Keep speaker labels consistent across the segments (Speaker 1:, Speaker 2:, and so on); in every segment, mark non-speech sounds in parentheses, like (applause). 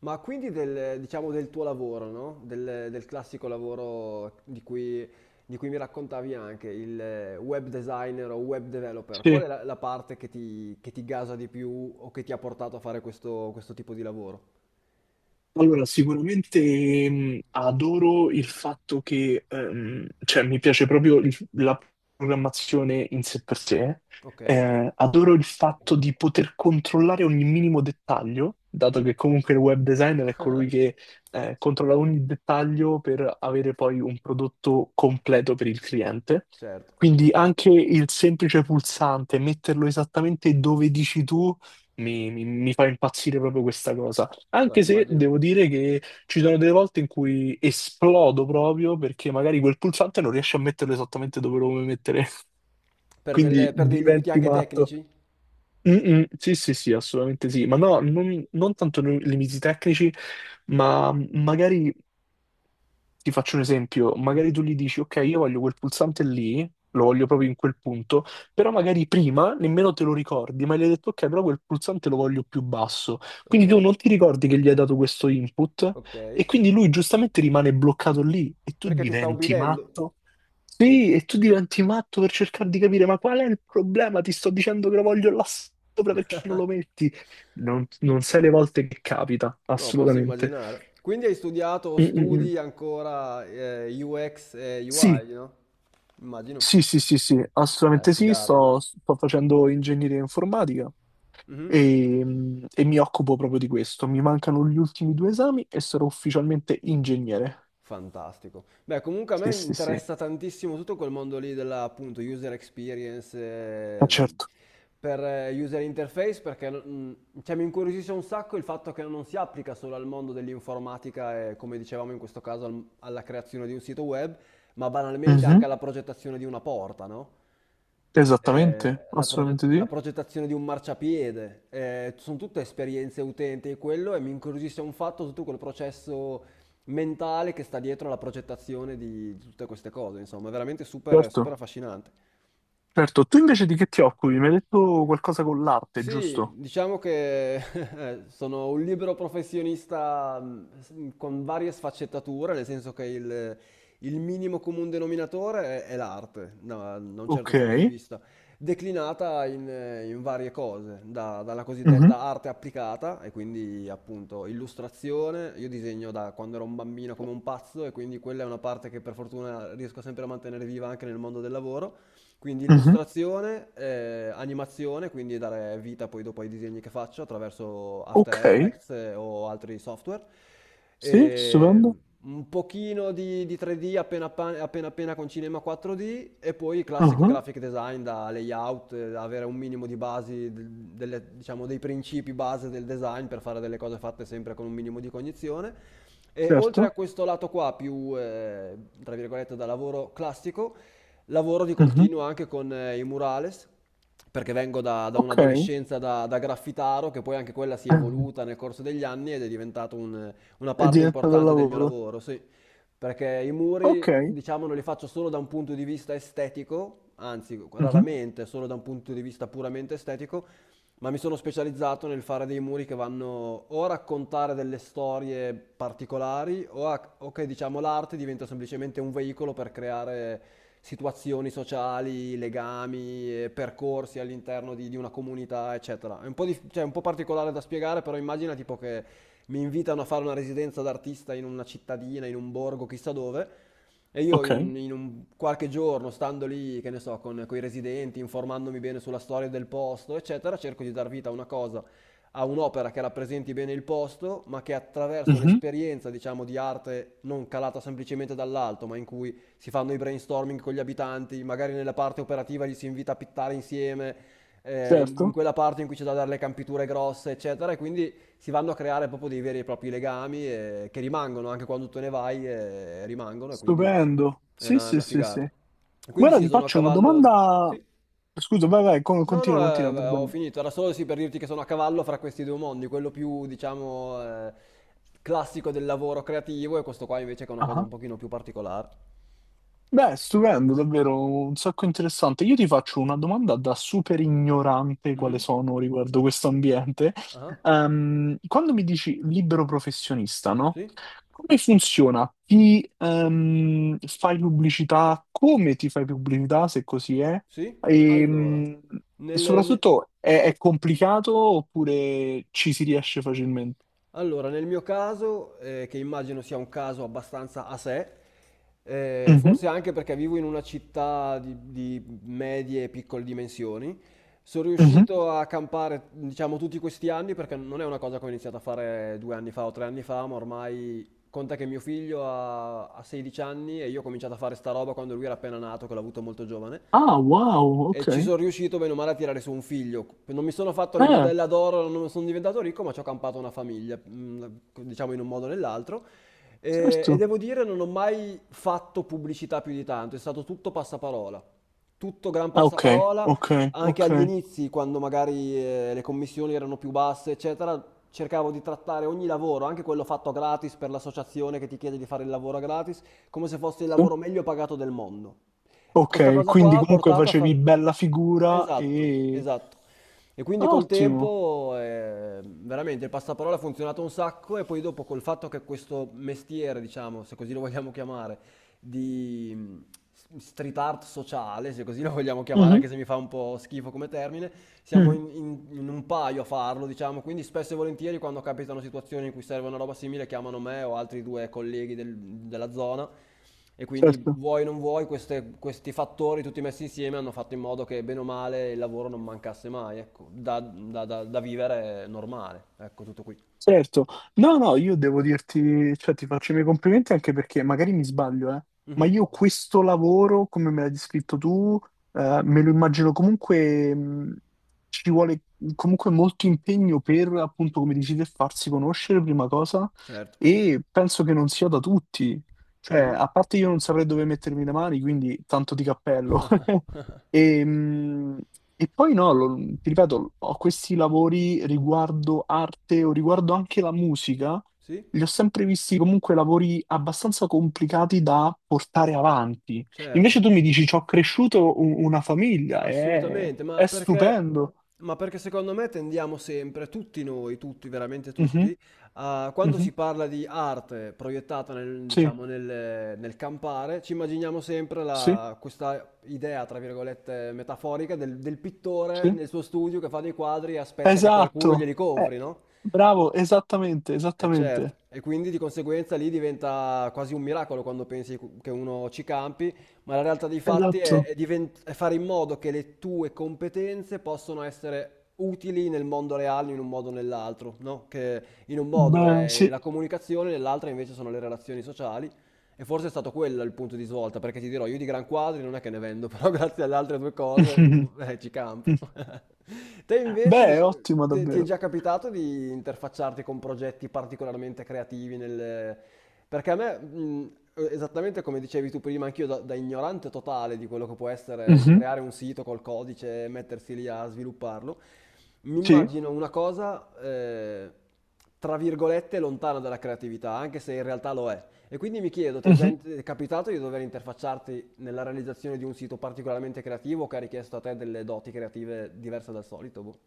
Speaker 1: Ma quindi del, diciamo, del tuo lavoro, no? Del classico lavoro di cui mi raccontavi anche, il web designer o web developer, qual
Speaker 2: Sì,
Speaker 1: è la parte che ti gasa di più o che ti ha portato a fare questo tipo di lavoro?
Speaker 2: allora sicuramente adoro il fatto che, cioè mi piace proprio la programmazione in sé per sé.
Speaker 1: Ok?
Speaker 2: Adoro il fatto di poter controllare ogni minimo dettaglio, dato
Speaker 1: Mhm.
Speaker 2: che comunque il web designer è colui che controlla ogni dettaglio per avere poi un prodotto completo per il cliente.
Speaker 1: Certo.
Speaker 2: Quindi anche il semplice pulsante, metterlo esattamente dove dici tu, mi fa impazzire proprio questa cosa.
Speaker 1: No,
Speaker 2: Anche se
Speaker 1: immagino.
Speaker 2: devo dire che ci sono delle volte in cui esplodo proprio perché magari quel pulsante non riesce a metterlo esattamente dove lo vuoi mettere, (laughs)
Speaker 1: Per,
Speaker 2: quindi
Speaker 1: per dei limiti
Speaker 2: diventi
Speaker 1: anche
Speaker 2: matto.
Speaker 1: tecnici?
Speaker 2: Mm-mm, sì, sì, sì, assolutamente sì, ma no, non tanto nei limiti tecnici, ma magari ti faccio un esempio,
Speaker 1: Mhm.
Speaker 2: magari tu gli dici, ok, io voglio quel pulsante lì, lo voglio proprio in quel punto, però magari prima nemmeno te lo ricordi, ma gli hai detto, ok, però quel pulsante lo voglio più basso.
Speaker 1: Ok,
Speaker 2: Quindi tu non ti ricordi che gli hai dato questo input
Speaker 1: ok.
Speaker 2: e quindi lui giustamente rimane bloccato lì e tu
Speaker 1: Perché ti sta
Speaker 2: diventi
Speaker 1: ubbidendo?
Speaker 2: matto. Sì, e tu diventi matto per cercare di capire, ma qual è il problema? Ti sto dicendo che lo voglio là sopra, perché non lo
Speaker 1: (laughs)
Speaker 2: metti? Non sai le volte che capita,
Speaker 1: No, posso
Speaker 2: assolutamente.
Speaker 1: immaginare. Quindi hai studiato o
Speaker 2: Mm, mm, mm.
Speaker 1: studi ancora UX e UI,
Speaker 2: Sì,
Speaker 1: no? Immagino.
Speaker 2: sì, sì, sì, sì, assolutamente sì,
Speaker 1: Figata.
Speaker 2: sto facendo ingegneria informatica
Speaker 1: Mhm.
Speaker 2: e mi occupo proprio di questo. Mi mancano gli ultimi due esami e sarò ufficialmente ingegnere.
Speaker 1: Fantastico. Beh, comunque a me
Speaker 2: Sì, sì, sì, eh,
Speaker 1: interessa tantissimo tutto quel mondo lì della, appunto, user experience
Speaker 2: certo.
Speaker 1: per user interface perché cioè, mi incuriosisce un sacco il fatto che non si applica solo al mondo dell'informatica e, come dicevamo in questo caso, alla creazione di un sito web, ma banalmente anche
Speaker 2: Mhm.
Speaker 1: alla progettazione di una porta, no?
Speaker 2: Esattamente,
Speaker 1: Eh, la,
Speaker 2: assolutamente
Speaker 1: la
Speaker 2: sì,
Speaker 1: progettazione di un marciapiede, sono tutte esperienze utenti e quello e mi incuriosisce un fatto tutto quel processo mentale che sta dietro alla progettazione di tutte queste cose, insomma, è veramente super, super
Speaker 2: certo.
Speaker 1: affascinante.
Speaker 2: Certo, tu invece di che ti occupi? Mi hai detto qualcosa con l'arte,
Speaker 1: Sì,
Speaker 2: giusto?
Speaker 1: diciamo che (laughs) sono un libero professionista con varie sfaccettature, nel senso che il minimo comune denominatore è l'arte, da un certo
Speaker 2: Ok,
Speaker 1: punto di vista, declinata in varie cose, dalla
Speaker 2: mhm,
Speaker 1: cosiddetta arte applicata, e quindi appunto illustrazione, io disegno da quando ero un bambino come un pazzo, e quindi quella è una parte che per fortuna riesco sempre a mantenere viva anche nel mondo del lavoro. Quindi
Speaker 2: mhm.
Speaker 1: illustrazione, animazione, quindi dare vita poi dopo ai disegni che faccio attraverso After
Speaker 2: Ok,
Speaker 1: Effects o altri software.
Speaker 2: sì, stupendo.
Speaker 1: E un pochino di 3D appena, appena appena con Cinema 4D e poi classico
Speaker 2: Mhm,
Speaker 1: graphic design da layout, da avere un minimo di basi, diciamo dei principi base del design per fare delle cose fatte sempre con un minimo di cognizione. E oltre a
Speaker 2: certo,
Speaker 1: questo lato qua più, tra virgolette, da lavoro classico, lavoro di
Speaker 2: mhm.
Speaker 1: continuo anche con i murales, perché vengo da
Speaker 2: Ok,
Speaker 1: un'adolescenza da graffitaro, che poi anche quella si è evoluta
Speaker 2: (laughs)
Speaker 1: nel corso degli anni ed è diventata una
Speaker 2: è
Speaker 1: parte
Speaker 2: diventato un
Speaker 1: importante del mio
Speaker 2: lavoro.
Speaker 1: lavoro, sì. Perché i
Speaker 2: Ok.
Speaker 1: muri, diciamo, non li faccio solo da un punto di vista estetico, anzi,
Speaker 2: Mhm.
Speaker 1: raramente solo da un punto di vista puramente estetico, ma mi sono specializzato nel fare dei muri che vanno o a raccontare delle storie particolari o, o che diciamo l'arte diventa semplicemente un veicolo per creare situazioni sociali, legami, percorsi all'interno di una comunità, eccetera. È un po', cioè, è un po' particolare da spiegare, però immagina tipo che mi invitano a fare una residenza d'artista in una cittadina, in un borgo, chissà dove. E io
Speaker 2: Ok,
Speaker 1: in un qualche giorno, stando lì, che ne so, con i residenti, informandomi bene sulla storia del posto, eccetera, cerco di dar vita a una cosa, a un'opera che rappresenti bene il posto, ma che attraverso
Speaker 2: mhm,
Speaker 1: l'esperienza, diciamo, di arte non calata semplicemente dall'alto, ma in cui si fanno i brainstorming con gli abitanti, magari nella parte operativa li si invita a pittare insieme, in
Speaker 2: certo,
Speaker 1: quella parte in cui c'è da dare le campiture grosse, eccetera, e quindi si vanno a creare proprio dei veri e propri legami che rimangono anche quando tu ne vai, rimangono, e quindi...
Speaker 2: stupendo.
Speaker 1: Eh
Speaker 2: Sì,
Speaker 1: no, è
Speaker 2: sì,
Speaker 1: una
Speaker 2: sì, sì.
Speaker 1: figata. Quindi
Speaker 2: Guarda,
Speaker 1: sì,
Speaker 2: ti
Speaker 1: sono a
Speaker 2: faccio una
Speaker 1: cavallo.
Speaker 2: domanda. Scusa, vai, vai,
Speaker 1: No, no,
Speaker 2: continua, continua,
Speaker 1: ho
Speaker 2: perdonami.
Speaker 1: finito. Era solo sì per dirti che sono a cavallo fra questi due mondi, quello più, diciamo, classico del lavoro creativo e questo qua invece che è una cosa un pochino più particolare.
Speaker 2: Beh, stupendo, davvero un sacco interessante. Io ti faccio una domanda da super ignorante quale
Speaker 1: Mhm.
Speaker 2: sono riguardo questo ambiente.
Speaker 1: Ah.
Speaker 2: Quando mi dici libero professionista, no?
Speaker 1: Sì?
Speaker 2: Come funziona? Ti fai pubblicità? Come ti fai pubblicità, se così è?
Speaker 1: Sì?
Speaker 2: Ehm, e
Speaker 1: Nel, ne-
Speaker 2: soprattutto è complicato oppure ci si riesce facilmente?
Speaker 1: Allora, nel mio caso, che immagino sia un caso abbastanza a sé,
Speaker 2: Mhm,
Speaker 1: forse anche perché vivo in una città di medie e piccole dimensioni, sono
Speaker 2: mhm.
Speaker 1: riuscito a campare, diciamo, tutti questi anni, perché non è una cosa che ho iniziato a fare due anni fa o tre anni fa, ma ormai conta che mio figlio ha 16 anni e io ho cominciato a fare sta roba quando lui era appena nato, che l'ho avuto molto giovane.
Speaker 2: Ah, wow,
Speaker 1: E ci
Speaker 2: ok.
Speaker 1: sono riuscito bene o male a tirare su un figlio. Non mi sono fatto le
Speaker 2: Eh,
Speaker 1: budella d'oro, non sono diventato ricco, ma ci ho campato una famiglia, diciamo in un modo o nell'altro. E
Speaker 2: certo.
Speaker 1: devo dire, non ho mai fatto pubblicità più di tanto, è stato tutto passaparola. Tutto gran
Speaker 2: Ah, ok,
Speaker 1: passaparola,
Speaker 2: ok,
Speaker 1: anche
Speaker 2: ok.
Speaker 1: agli inizi, quando magari le commissioni erano più basse, eccetera, cercavo di trattare ogni lavoro, anche quello fatto gratis per l'associazione che ti chiede di fare il lavoro gratis, come se fosse il
Speaker 2: Sì.
Speaker 1: lavoro meglio pagato del mondo. Di questa
Speaker 2: Ok,
Speaker 1: cosa qua
Speaker 2: quindi
Speaker 1: ha
Speaker 2: comunque
Speaker 1: portato a
Speaker 2: facevi
Speaker 1: far...
Speaker 2: bella figura
Speaker 1: Esatto,
Speaker 2: e...
Speaker 1: esatto. E quindi col
Speaker 2: Ottimo.
Speaker 1: tempo veramente il passaparola ha funzionato un sacco e poi dopo col fatto che questo mestiere, diciamo, se così lo vogliamo chiamare, di street art sociale, se così lo vogliamo chiamare,
Speaker 2: Mhm,
Speaker 1: anche se mi fa un po' schifo come termine, siamo
Speaker 2: mhm,
Speaker 1: in un paio a farlo, diciamo, quindi spesso e volentieri quando capitano situazioni in cui serve una roba simile chiamano me o altri due colleghi della zona e quindi
Speaker 2: certo.
Speaker 1: vuoi o non vuoi, questi fattori tutti messi insieme hanno fatto in modo che bene o male il lavoro non mancasse mai, ecco, da vivere normale, ecco tutto qui.
Speaker 2: Certo, no, no, io devo dirti, cioè ti faccio i miei complimenti anche perché magari mi sbaglio, ma
Speaker 1: Mhm.
Speaker 2: io questo lavoro, come me l'hai descritto tu, me lo immagino comunque, ci vuole comunque molto impegno per, appunto, come dici te, farsi conoscere, prima cosa,
Speaker 1: Certo.
Speaker 2: e penso che non sia da tutti, cioè,
Speaker 1: Mhm.
Speaker 2: a parte io non saprei dove mettermi le mani, quindi tanto di cappello. (laughs) E, e poi no, ti ripeto, ho questi lavori riguardo arte o riguardo anche la musica,
Speaker 1: Sì,
Speaker 2: li ho sempre visti comunque lavori abbastanza complicati da portare avanti. Invece
Speaker 1: certo.
Speaker 2: tu mi dici, ci ho cresciuto una famiglia,
Speaker 1: Assolutamente,
Speaker 2: è stupendo.
Speaker 1: ma perché secondo me tendiamo sempre, tutti noi, tutti, veramente
Speaker 2: Mhm,
Speaker 1: tutti, a, quando
Speaker 2: mhm,
Speaker 1: si parla di arte proiettata nel,
Speaker 2: sì,
Speaker 1: diciamo, nel campare, ci immaginiamo sempre
Speaker 2: sì,
Speaker 1: questa idea, tra virgolette, metaforica del, del pittore
Speaker 2: sì.
Speaker 1: nel suo studio che fa dei quadri e aspetta che qualcuno
Speaker 2: Esatto.
Speaker 1: glieli compri, no?
Speaker 2: Bravo, esattamente,
Speaker 1: E certo,
Speaker 2: esattamente.
Speaker 1: e quindi di conseguenza lì diventa quasi un miracolo quando pensi che uno ci campi, ma la realtà dei fatti
Speaker 2: Esatto.
Speaker 1: è fare in modo che le tue competenze possano essere utili nel mondo reale in un modo o nell'altro, no? Che in un modo
Speaker 2: Beh,
Speaker 1: è
Speaker 2: sì.
Speaker 1: la comunicazione, nell'altro invece sono le relazioni sociali. E forse è stato quello il punto di svolta, perché ti dirò, io di gran quadri non è che ne vendo, (laughs) però grazie alle altre due cose
Speaker 2: (laughs)
Speaker 1: ci campo. (laughs) Te invece
Speaker 2: Beh, è
Speaker 1: dici-
Speaker 2: ottimo
Speaker 1: te- Ti è
Speaker 2: davvero.
Speaker 1: già capitato di interfacciarti con progetti particolarmente creativi nel... Perché a me, esattamente come dicevi tu prima, anch'io da ignorante totale di quello che può essere il
Speaker 2: Mhm.
Speaker 1: creare un sito col codice e mettersi lì a svilupparlo, mi
Speaker 2: Sì.
Speaker 1: immagino una cosa, tra virgolette, lontana dalla creatività, anche se in realtà lo è. E quindi mi chiedo, ti
Speaker 2: Mhm.
Speaker 1: è capitato di dover interfacciarti nella realizzazione di un sito particolarmente creativo che ha richiesto a te delle doti creative diverse dal solito? Boh.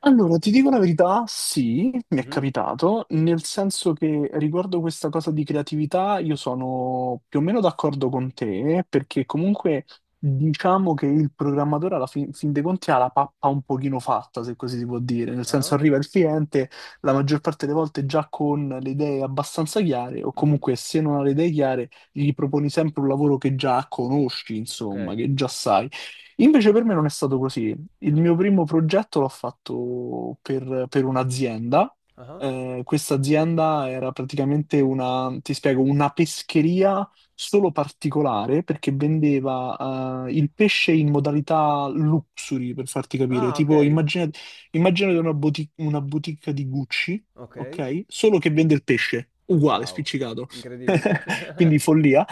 Speaker 2: Allora, ti dico la verità, sì, mi è
Speaker 1: Mhm.
Speaker 2: capitato, nel senso che riguardo questa cosa di creatività io sono più o meno d'accordo con te, perché comunque diciamo che il programmatore alla fin dei conti ha la pappa un pochino fatta, se così si può dire, nel senso
Speaker 1: Ah,
Speaker 2: arriva il cliente la maggior parte delle volte già con le idee abbastanza chiare, o
Speaker 1: mhm.
Speaker 2: comunque se non ha le idee chiare gli proponi sempre un lavoro che già conosci,
Speaker 1: Ok.
Speaker 2: insomma, che già sai. Invece per me non è stato così. Il mio primo progetto l'ho fatto per un'azienda.
Speaker 1: Ah.
Speaker 2: Questa azienda era praticamente una, ti spiego, una pescheria solo particolare perché vendeva il pesce in modalità luxury, per farti capire.
Speaker 1: Ah, ok.
Speaker 2: Tipo, immaginate una, una boutique di Gucci,
Speaker 1: Ok.
Speaker 2: ok? Solo che vende il pesce, uguale,
Speaker 1: Ciao.
Speaker 2: spiccicato.
Speaker 1: Incredibile.
Speaker 2: (laughs) Quindi
Speaker 1: (laughs)
Speaker 2: follia.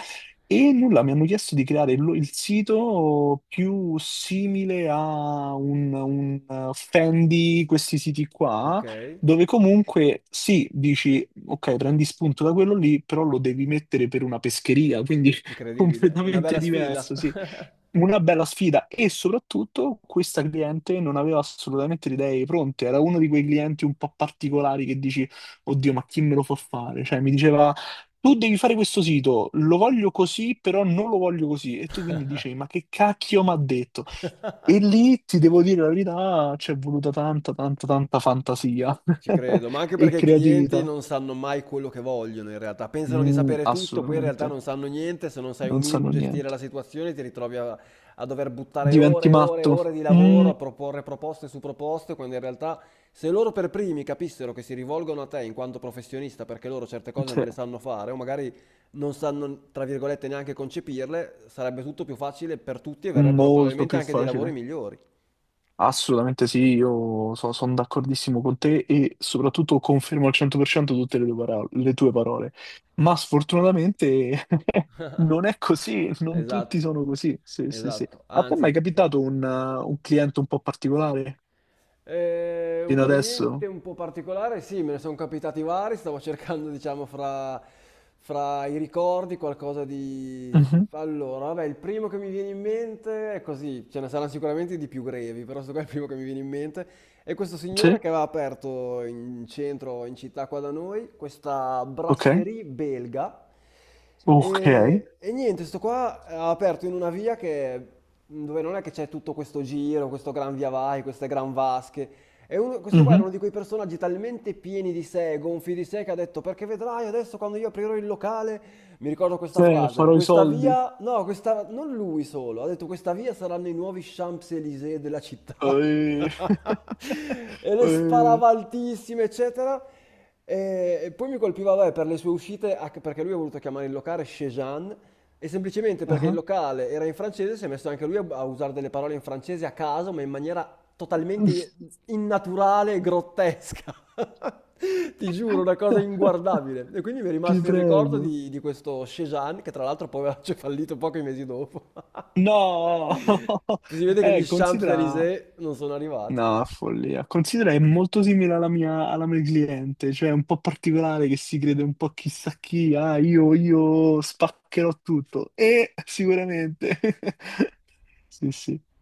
Speaker 2: E nulla, mi hanno chiesto di creare il sito più simile a un Fendi, questi siti
Speaker 1: Ok.
Speaker 2: qua, dove comunque sì, dici, ok, prendi spunto da quello lì, però lo devi mettere per una pescheria, quindi (laughs)
Speaker 1: Incredibile. È una
Speaker 2: completamente
Speaker 1: bella sfida.
Speaker 2: diverso, sì. Una bella sfida e soprattutto questa cliente non aveva assolutamente le idee pronte, era uno di quei clienti un po' particolari che dici, oddio, ma chi me lo fa fare? Cioè, mi diceva tu devi fare questo sito, lo voglio così, però non lo voglio così. E tu quindi dici, ma che cacchio mi ha detto? E lì ti devo dire la verità, c'è voluta tanta, tanta, tanta fantasia
Speaker 1: Ci credo, ma
Speaker 2: (laughs)
Speaker 1: anche
Speaker 2: e
Speaker 1: perché i clienti
Speaker 2: creatività.
Speaker 1: non sanno mai quello che vogliono in realtà, pensano di
Speaker 2: Mm,
Speaker 1: sapere tutto, poi in realtà
Speaker 2: assolutamente,
Speaker 1: non sanno niente, se non sai un
Speaker 2: non
Speaker 1: minimo
Speaker 2: sanno
Speaker 1: gestire la
Speaker 2: niente.
Speaker 1: situazione ti ritrovi a, a dover buttare
Speaker 2: Diventi
Speaker 1: ore e ore e
Speaker 2: matto?
Speaker 1: ore di lavoro,
Speaker 2: Mm,
Speaker 1: a proporre proposte su proposte, quando in realtà se loro per primi capissero che si rivolgono a te in quanto professionista perché loro certe cose non
Speaker 2: sì,
Speaker 1: le sanno fare o magari non sanno, tra virgolette, neanche concepirle, sarebbe tutto più facile per tutti e verrebbero
Speaker 2: molto
Speaker 1: probabilmente
Speaker 2: più
Speaker 1: anche dei lavori
Speaker 2: facile.
Speaker 1: migliori.
Speaker 2: Assolutamente sì, io sono d'accordissimo con te e soprattutto confermo al 100% tutte le tue parole, le tue parole. Ma sfortunatamente (laughs) non è così, non tutti
Speaker 1: Esatto.
Speaker 2: sono così. Sì, sì, sì.
Speaker 1: Esatto,
Speaker 2: A te è
Speaker 1: anzi.
Speaker 2: mai capitato un cliente un po' particolare
Speaker 1: Un
Speaker 2: fino
Speaker 1: cliente
Speaker 2: adesso?
Speaker 1: un po' particolare, sì, me ne sono capitati vari, stavo (laughs) cercando, diciamo, fra i ricordi qualcosa di...
Speaker 2: Mhm.
Speaker 1: Allora, vabbè, il primo che mi viene in mente è così, ce ne saranno sicuramente di più grevi, però questo qua è il primo che mi viene in mente. E questo signore
Speaker 2: Sì,
Speaker 1: che aveva aperto in centro, in città qua da noi, questa
Speaker 2: ok,
Speaker 1: brasserie belga.
Speaker 2: ok.
Speaker 1: E niente, sto qua ha aperto in una via che, dove non è che c'è tutto questo giro, questo gran via vai, queste gran vasche. E questo qua era
Speaker 2: Mhm.
Speaker 1: uno di quei personaggi talmente pieni di sé, gonfi di sé, che ha detto, perché vedrai adesso quando io aprirò il locale, mi ricordo questa
Speaker 2: Sì,
Speaker 1: frase,
Speaker 2: farò i
Speaker 1: questa
Speaker 2: soldi.
Speaker 1: via, no, questa, non lui solo, ha detto questa via saranno i nuovi Champs-Élysées della città. (laughs)
Speaker 2: Eh,
Speaker 1: (laughs) e le
Speaker 2: eh,
Speaker 1: sparava altissime, eccetera. E poi mi colpiva, vabbè, per le sue uscite, anche perché lui ha voluto chiamare il locale Chejan, e semplicemente perché il
Speaker 2: ah.
Speaker 1: locale era in francese, si è messo anche lui a, a usare delle parole in francese a caso, ma in maniera totalmente
Speaker 2: (laughs)
Speaker 1: innaturale e grottesca. (laughs) Ti giuro, una cosa inguardabile. E quindi mi è
Speaker 2: Ti
Speaker 1: rimasto il ricordo
Speaker 2: prego.
Speaker 1: di questo Chejan, che tra l'altro poi aveva fallito pochi mesi dopo.
Speaker 2: No, (laughs)
Speaker 1: (laughs) Si vede che gli
Speaker 2: considera.
Speaker 1: Champs-Élysées non sono arrivati.
Speaker 2: No, follia. Considera è molto simile alla mia cliente, cioè è un po' particolare che si crede un po' chissà chi, ah, io spaccherò tutto. E sicuramente. (laughs) Sì, sì.